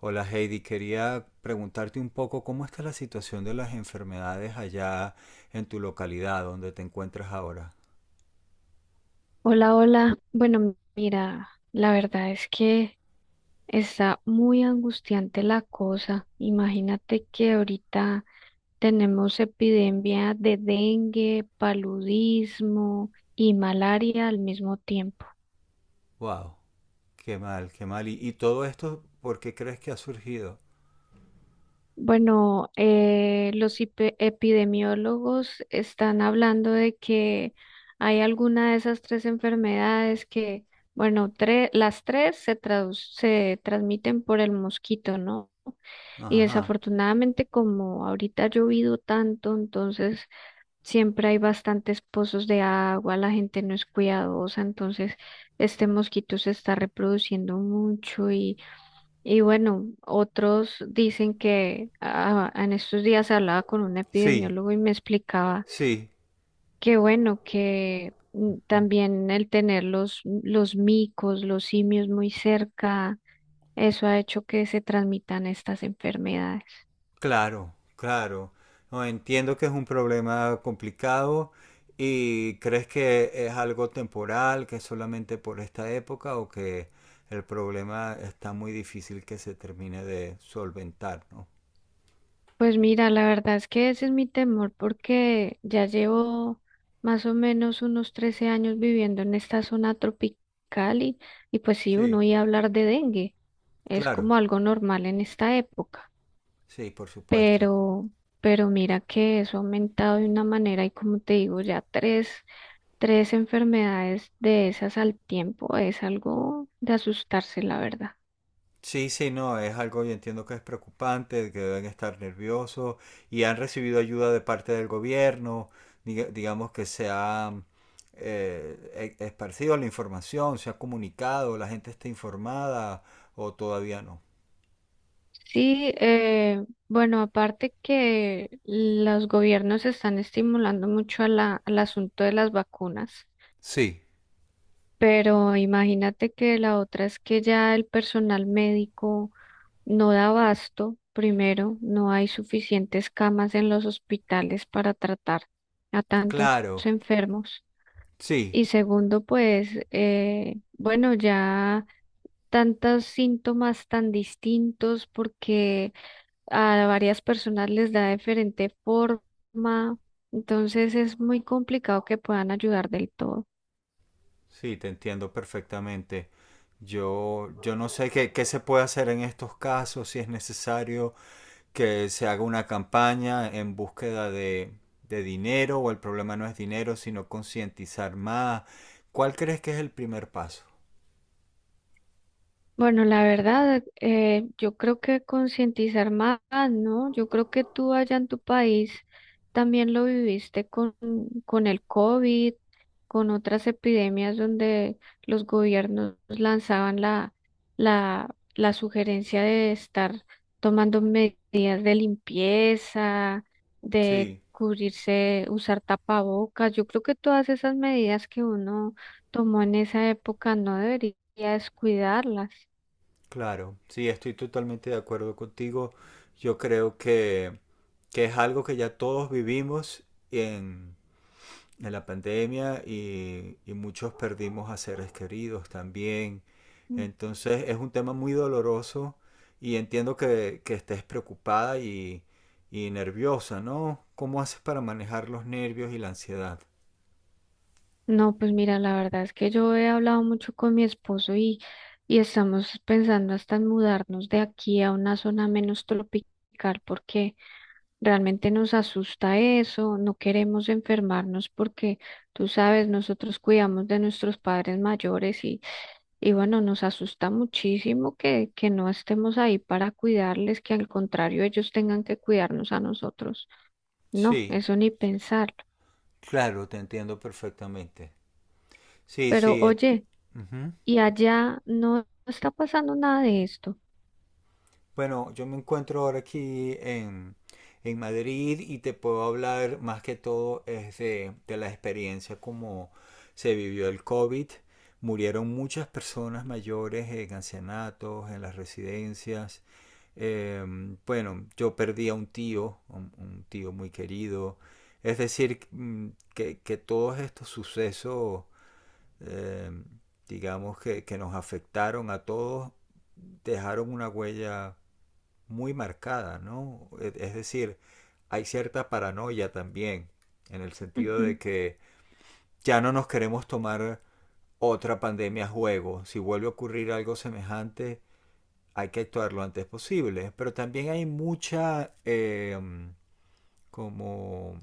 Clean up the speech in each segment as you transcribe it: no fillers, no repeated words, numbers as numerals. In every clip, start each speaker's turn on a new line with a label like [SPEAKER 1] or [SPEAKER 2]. [SPEAKER 1] Hola Heidi, quería preguntarte un poco cómo está la situación de las enfermedades allá en tu localidad donde te encuentras ahora.
[SPEAKER 2] Hola, hola. Bueno, mira, la verdad es que está muy angustiante la cosa. Imagínate que ahorita tenemos epidemia de dengue, paludismo y malaria al mismo tiempo.
[SPEAKER 1] Wow, qué mal, qué mal. ¿Y todo esto por qué crees que ha surgido?
[SPEAKER 2] Bueno, los epidemiólogos están hablando de que hay alguna de esas tres enfermedades que, bueno, las tres se transmiten por el mosquito, ¿no? Y
[SPEAKER 1] Ajá.
[SPEAKER 2] desafortunadamente, como ahorita ha llovido tanto, entonces siempre hay bastantes pozos de agua, la gente no es cuidadosa, entonces este mosquito se está reproduciendo mucho y bueno, otros dicen que ah, en estos días hablaba con un
[SPEAKER 1] Sí,
[SPEAKER 2] epidemiólogo y me explicaba
[SPEAKER 1] sí,
[SPEAKER 2] que bueno, que mm, también el tener los micos, los simios muy cerca, eso ha hecho que se transmitan estas enfermedades.
[SPEAKER 1] claro, claro. No, entiendo que es un problema complicado y crees que es algo temporal, que es solamente por esta época o que el problema está muy difícil que se termine de solventar, ¿no?
[SPEAKER 2] Pues mira, la verdad es que ese es mi temor porque ya llevo más o menos unos 13 años viviendo en esta zona tropical y pues sí, uno
[SPEAKER 1] Sí.
[SPEAKER 2] oía hablar de dengue, es
[SPEAKER 1] Claro,
[SPEAKER 2] como algo normal en esta época,
[SPEAKER 1] sí, por supuesto.
[SPEAKER 2] pero, pero mira que eso ha aumentado de una manera y como te digo, tres enfermedades de esas al tiempo es algo de asustarse, la verdad.
[SPEAKER 1] Sí, sí, no, es algo, yo entiendo que es preocupante, que deben estar nerviosos y han recibido ayuda de parte del gobierno, digamos que se ha esparcido la información, se ha comunicado, la gente está informada o todavía no.
[SPEAKER 2] Sí, bueno, aparte que los gobiernos están estimulando mucho a al asunto de las vacunas,
[SPEAKER 1] Sí,
[SPEAKER 2] pero imagínate que la otra es que ya el personal médico no da abasto, primero, no hay suficientes camas en los hospitales para tratar a tantos
[SPEAKER 1] claro,
[SPEAKER 2] enfermos.
[SPEAKER 1] sí,
[SPEAKER 2] Y segundo, pues, bueno, ya tantos síntomas tan distintos porque a varias personas les da diferente forma, entonces es muy complicado que puedan ayudar del todo.
[SPEAKER 1] sí, te entiendo perfectamente. Yo no sé qué, qué se puede hacer en estos casos, si es necesario que se haga una campaña en búsqueda de dinero o el problema no es dinero, sino concientizar más. ¿Cuál crees que es el primer paso?
[SPEAKER 2] Bueno, la verdad, yo creo que concientizar más, ¿no? Yo creo que tú allá en tu país también lo viviste con el COVID, con otras epidemias donde los gobiernos lanzaban la sugerencia de estar tomando medidas de limpieza, de
[SPEAKER 1] Sí,
[SPEAKER 2] cubrirse, usar tapabocas. Yo creo que todas esas medidas que uno tomó en esa época no debería descuidarlas.
[SPEAKER 1] claro, sí, estoy totalmente de acuerdo contigo. Yo creo que es algo que ya todos vivimos en, de la pandemia y muchos perdimos a seres queridos también.
[SPEAKER 2] Mm.
[SPEAKER 1] Entonces es un tema muy doloroso y entiendo que estés preocupada y nerviosa, ¿no? ¿Cómo haces para manejar los nervios y la ansiedad?
[SPEAKER 2] No, pues mira, la verdad es que yo he hablado mucho con mi esposo y estamos pensando hasta en mudarnos de aquí a una zona menos tropical porque realmente nos asusta eso, no queremos enfermarnos porque tú sabes, nosotros cuidamos de nuestros padres mayores y bueno, nos asusta muchísimo que no estemos ahí para cuidarles, que al contrario ellos tengan que cuidarnos a nosotros. No,
[SPEAKER 1] Sí,
[SPEAKER 2] eso ni pensarlo.
[SPEAKER 1] claro, te entiendo perfectamente. Sí,
[SPEAKER 2] Pero
[SPEAKER 1] sí,
[SPEAKER 2] oye,
[SPEAKER 1] ujú.
[SPEAKER 2] y allá no está pasando nada de esto.
[SPEAKER 1] Bueno, yo me encuentro ahora aquí en Madrid y te puedo hablar más que todo es de la experiencia como se vivió el COVID. Murieron muchas personas mayores en ancianatos, en las residencias. Eh, bueno, yo perdí a un tío, un tío muy querido. Es decir, mm, que todos estos sucesos, eh, digamos, que nos afectaron a todos, dejaron una huella muy marcada, ¿no? Es decir, hay cierta paranoia también, en el sentido de
[SPEAKER 2] Ujú.
[SPEAKER 1] que ya no nos queremos tomar otra pandemia a juego. Si vuelve a ocurrir algo semejante, hay que actuar lo antes posible. Pero también hay mucha como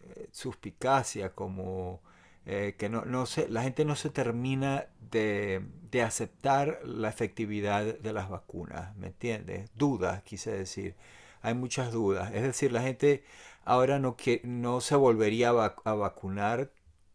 [SPEAKER 1] suspicacia, como que no, no se, la gente no se termina de aceptar la efectividad de las vacunas, ¿me entiendes? Dudas, quise decir. Hay muchas dudas. Es decir, la gente ahora no, que, no se volvería a, a vacunar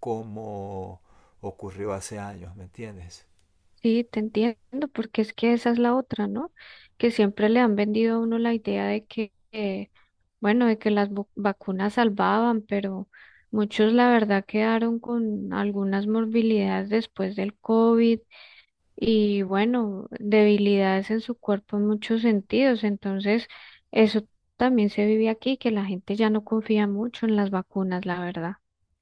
[SPEAKER 1] como ocurrió hace años, ¿me entiendes?
[SPEAKER 2] Sí, te entiendo, porque es que esa es la otra, ¿no? Que siempre le han vendido a uno la idea de que, bueno, de que las vacunas salvaban, pero muchos la verdad quedaron con algunas morbilidades después del COVID y, bueno, debilidades en su cuerpo en muchos sentidos. Entonces, eso también se vive aquí, que la gente ya no confía mucho en las vacunas, la verdad.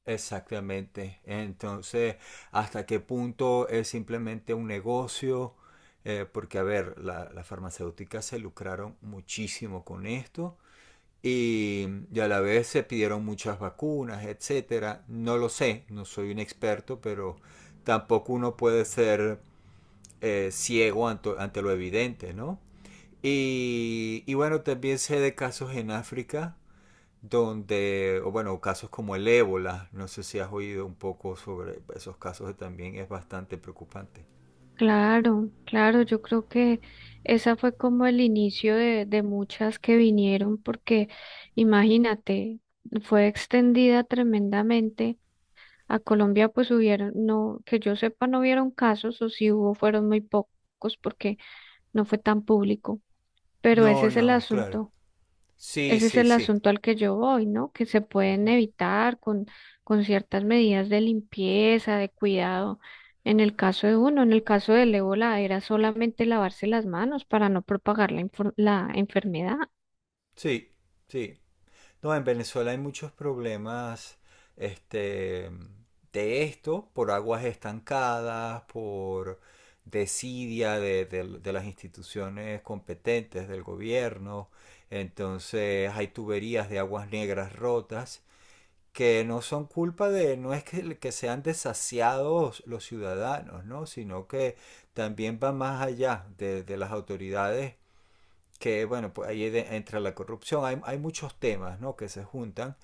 [SPEAKER 1] Exactamente. Entonces, ¿hasta qué punto es simplemente un negocio? Porque, a ver, las farmacéuticas se lucraron muchísimo con esto y, y a la vez se pidieron muchas vacunas, etcétera. No lo sé, no soy un experto, pero tampoco uno puede ser ciego ante lo evidente, ¿no? Y bueno, también sé de casos en África donde, o bueno, casos como el ébola, no sé si has oído un poco sobre esos casos, que también es bastante preocupante.
[SPEAKER 2] Claro, claro, yo creo que esa fue como el inicio de muchas que vinieron, porque imagínate, fue extendida tremendamente. A Colombia pues hubieron, no, que yo sepa, no hubieron casos, o si hubo, fueron muy pocos porque no fue tan público. Pero ese
[SPEAKER 1] No,
[SPEAKER 2] es el
[SPEAKER 1] no, claro.
[SPEAKER 2] asunto.
[SPEAKER 1] Sí,
[SPEAKER 2] Ese es
[SPEAKER 1] sí,
[SPEAKER 2] el
[SPEAKER 1] sí.
[SPEAKER 2] asunto al que yo voy, ¿no? Que se pueden
[SPEAKER 1] Ujú.
[SPEAKER 2] evitar con ciertas medidas de limpieza, de cuidado. En el caso de uno, en el caso del ébola, era solamente lavarse las manos para no propagar la enfermedad.
[SPEAKER 1] Sí, sí. No, en Venezuela hay muchos problemas, este, de esto, por aguas estancadas, por desidia de, de las instituciones competentes del gobierno. Entonces hay tuberías de aguas negras rotas que no son culpa de, no es que sean desasiados los ciudadanos, ¿no? Sino que también va más allá de las autoridades, que bueno, pues ahí entra la corrupción, hay muchos temas, ¿no? Que se juntan,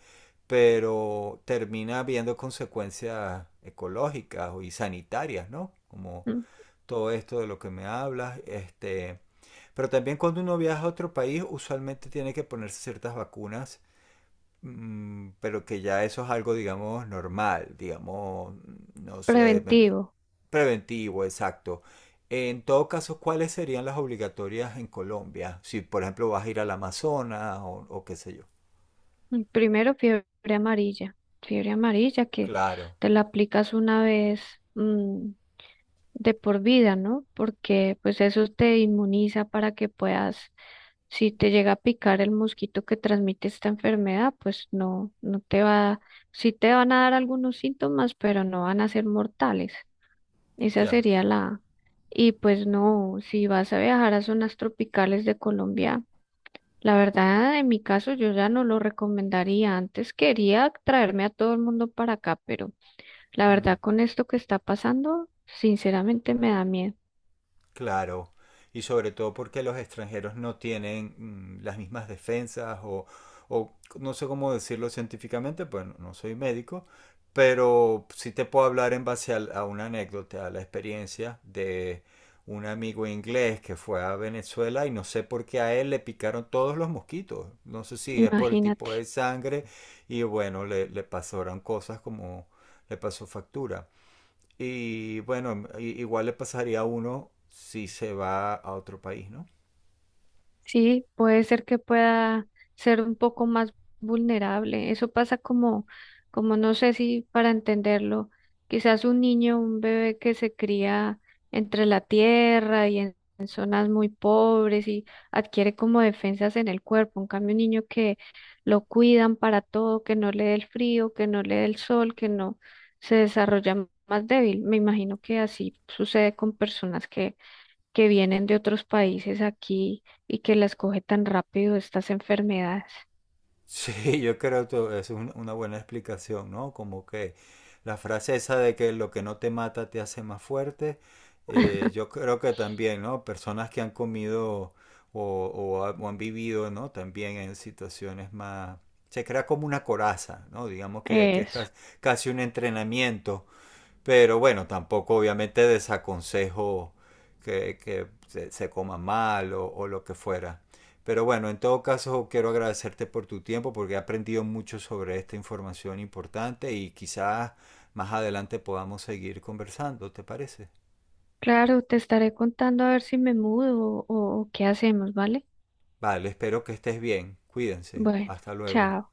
[SPEAKER 1] pero termina habiendo consecuencias ecológicas y sanitarias, ¿no? Como
[SPEAKER 2] Mm.
[SPEAKER 1] todo esto de lo que me hablas, este... Pero también cuando uno viaja a otro país, usualmente tiene que ponerse ciertas vacunas. Mm, pero que ya eso es algo, digamos, normal, digamos, no sé,
[SPEAKER 2] Preventivo.
[SPEAKER 1] preventivo, exacto. En todo caso, ¿cuáles serían las obligatorias en Colombia? Si, por ejemplo, vas a ir al Amazonas o qué sé yo.
[SPEAKER 2] Mm. Primero, fiebre amarilla. Fiebre amarilla que
[SPEAKER 1] Claro,
[SPEAKER 2] te la aplicas una vez, mm, de por vida, ¿no? Porque pues eso te inmuniza para que puedas. Si te llega a picar el mosquito que transmite esta enfermedad, pues no, no te va, sí te van a dar algunos síntomas, pero no van a ser mortales. Esa
[SPEAKER 1] ya.
[SPEAKER 2] sería la... Y pues no, si vas a viajar a zonas tropicales de Colombia, la verdad, en mi caso yo ya no lo recomendaría. Antes quería traerme a todo el mundo para acá, pero la
[SPEAKER 1] Mm.
[SPEAKER 2] verdad con esto que está pasando, sinceramente me da miedo.
[SPEAKER 1] Claro, y sobre todo porque los extranjeros no tienen mm, las mismas defensas o no sé cómo decirlo científicamente, pues no no soy médico, pero sí te puedo hablar en base a, una anécdota, a la experiencia de un amigo inglés que fue a Venezuela y no sé por qué a él le picaron todos los mosquitos, no sé si es por el tipo
[SPEAKER 2] Imagínate.
[SPEAKER 1] de sangre y bueno, le pasaron cosas como le pasó factura. Y bueno, igual le pasaría a uno si se va a otro país, ¿no?
[SPEAKER 2] Sí, puede ser que pueda ser un poco más vulnerable. Eso pasa como, como no sé si para entenderlo, quizás un niño, un bebé que se cría entre la tierra y en zonas muy pobres y adquiere como defensas en el cuerpo. En cambio, un niño que lo cuidan para todo, que no le dé el frío, que no le dé el sol, que no se desarrolla más débil. Me imagino que así sucede con personas que vienen de otros países aquí y que las coge tan rápido estas enfermedades.
[SPEAKER 1] Sí, yo creo que es una buena explicación, ¿no? Como que la frase esa de que lo que no te mata te hace más fuerte, yo creo que también, ¿no? Personas que han comido o o han vivido, ¿no? También en situaciones más... Se crea como una coraza, ¿no? Digamos que es
[SPEAKER 2] Eso.
[SPEAKER 1] casi un entrenamiento. Pero bueno, tampoco obviamente desaconsejo que se coma mal o lo que fuera. Pero bueno, en todo caso quiero agradecerte por tu tiempo porque he aprendido mucho sobre esta información importante y quizás más adelante podamos seguir conversando, ¿te parece?
[SPEAKER 2] Claro, te estaré contando a ver si me mudo o qué hacemos, ¿vale?
[SPEAKER 1] Vale, espero que estés bien. Cuídense.
[SPEAKER 2] Bueno,
[SPEAKER 1] Hasta luego.
[SPEAKER 2] chao.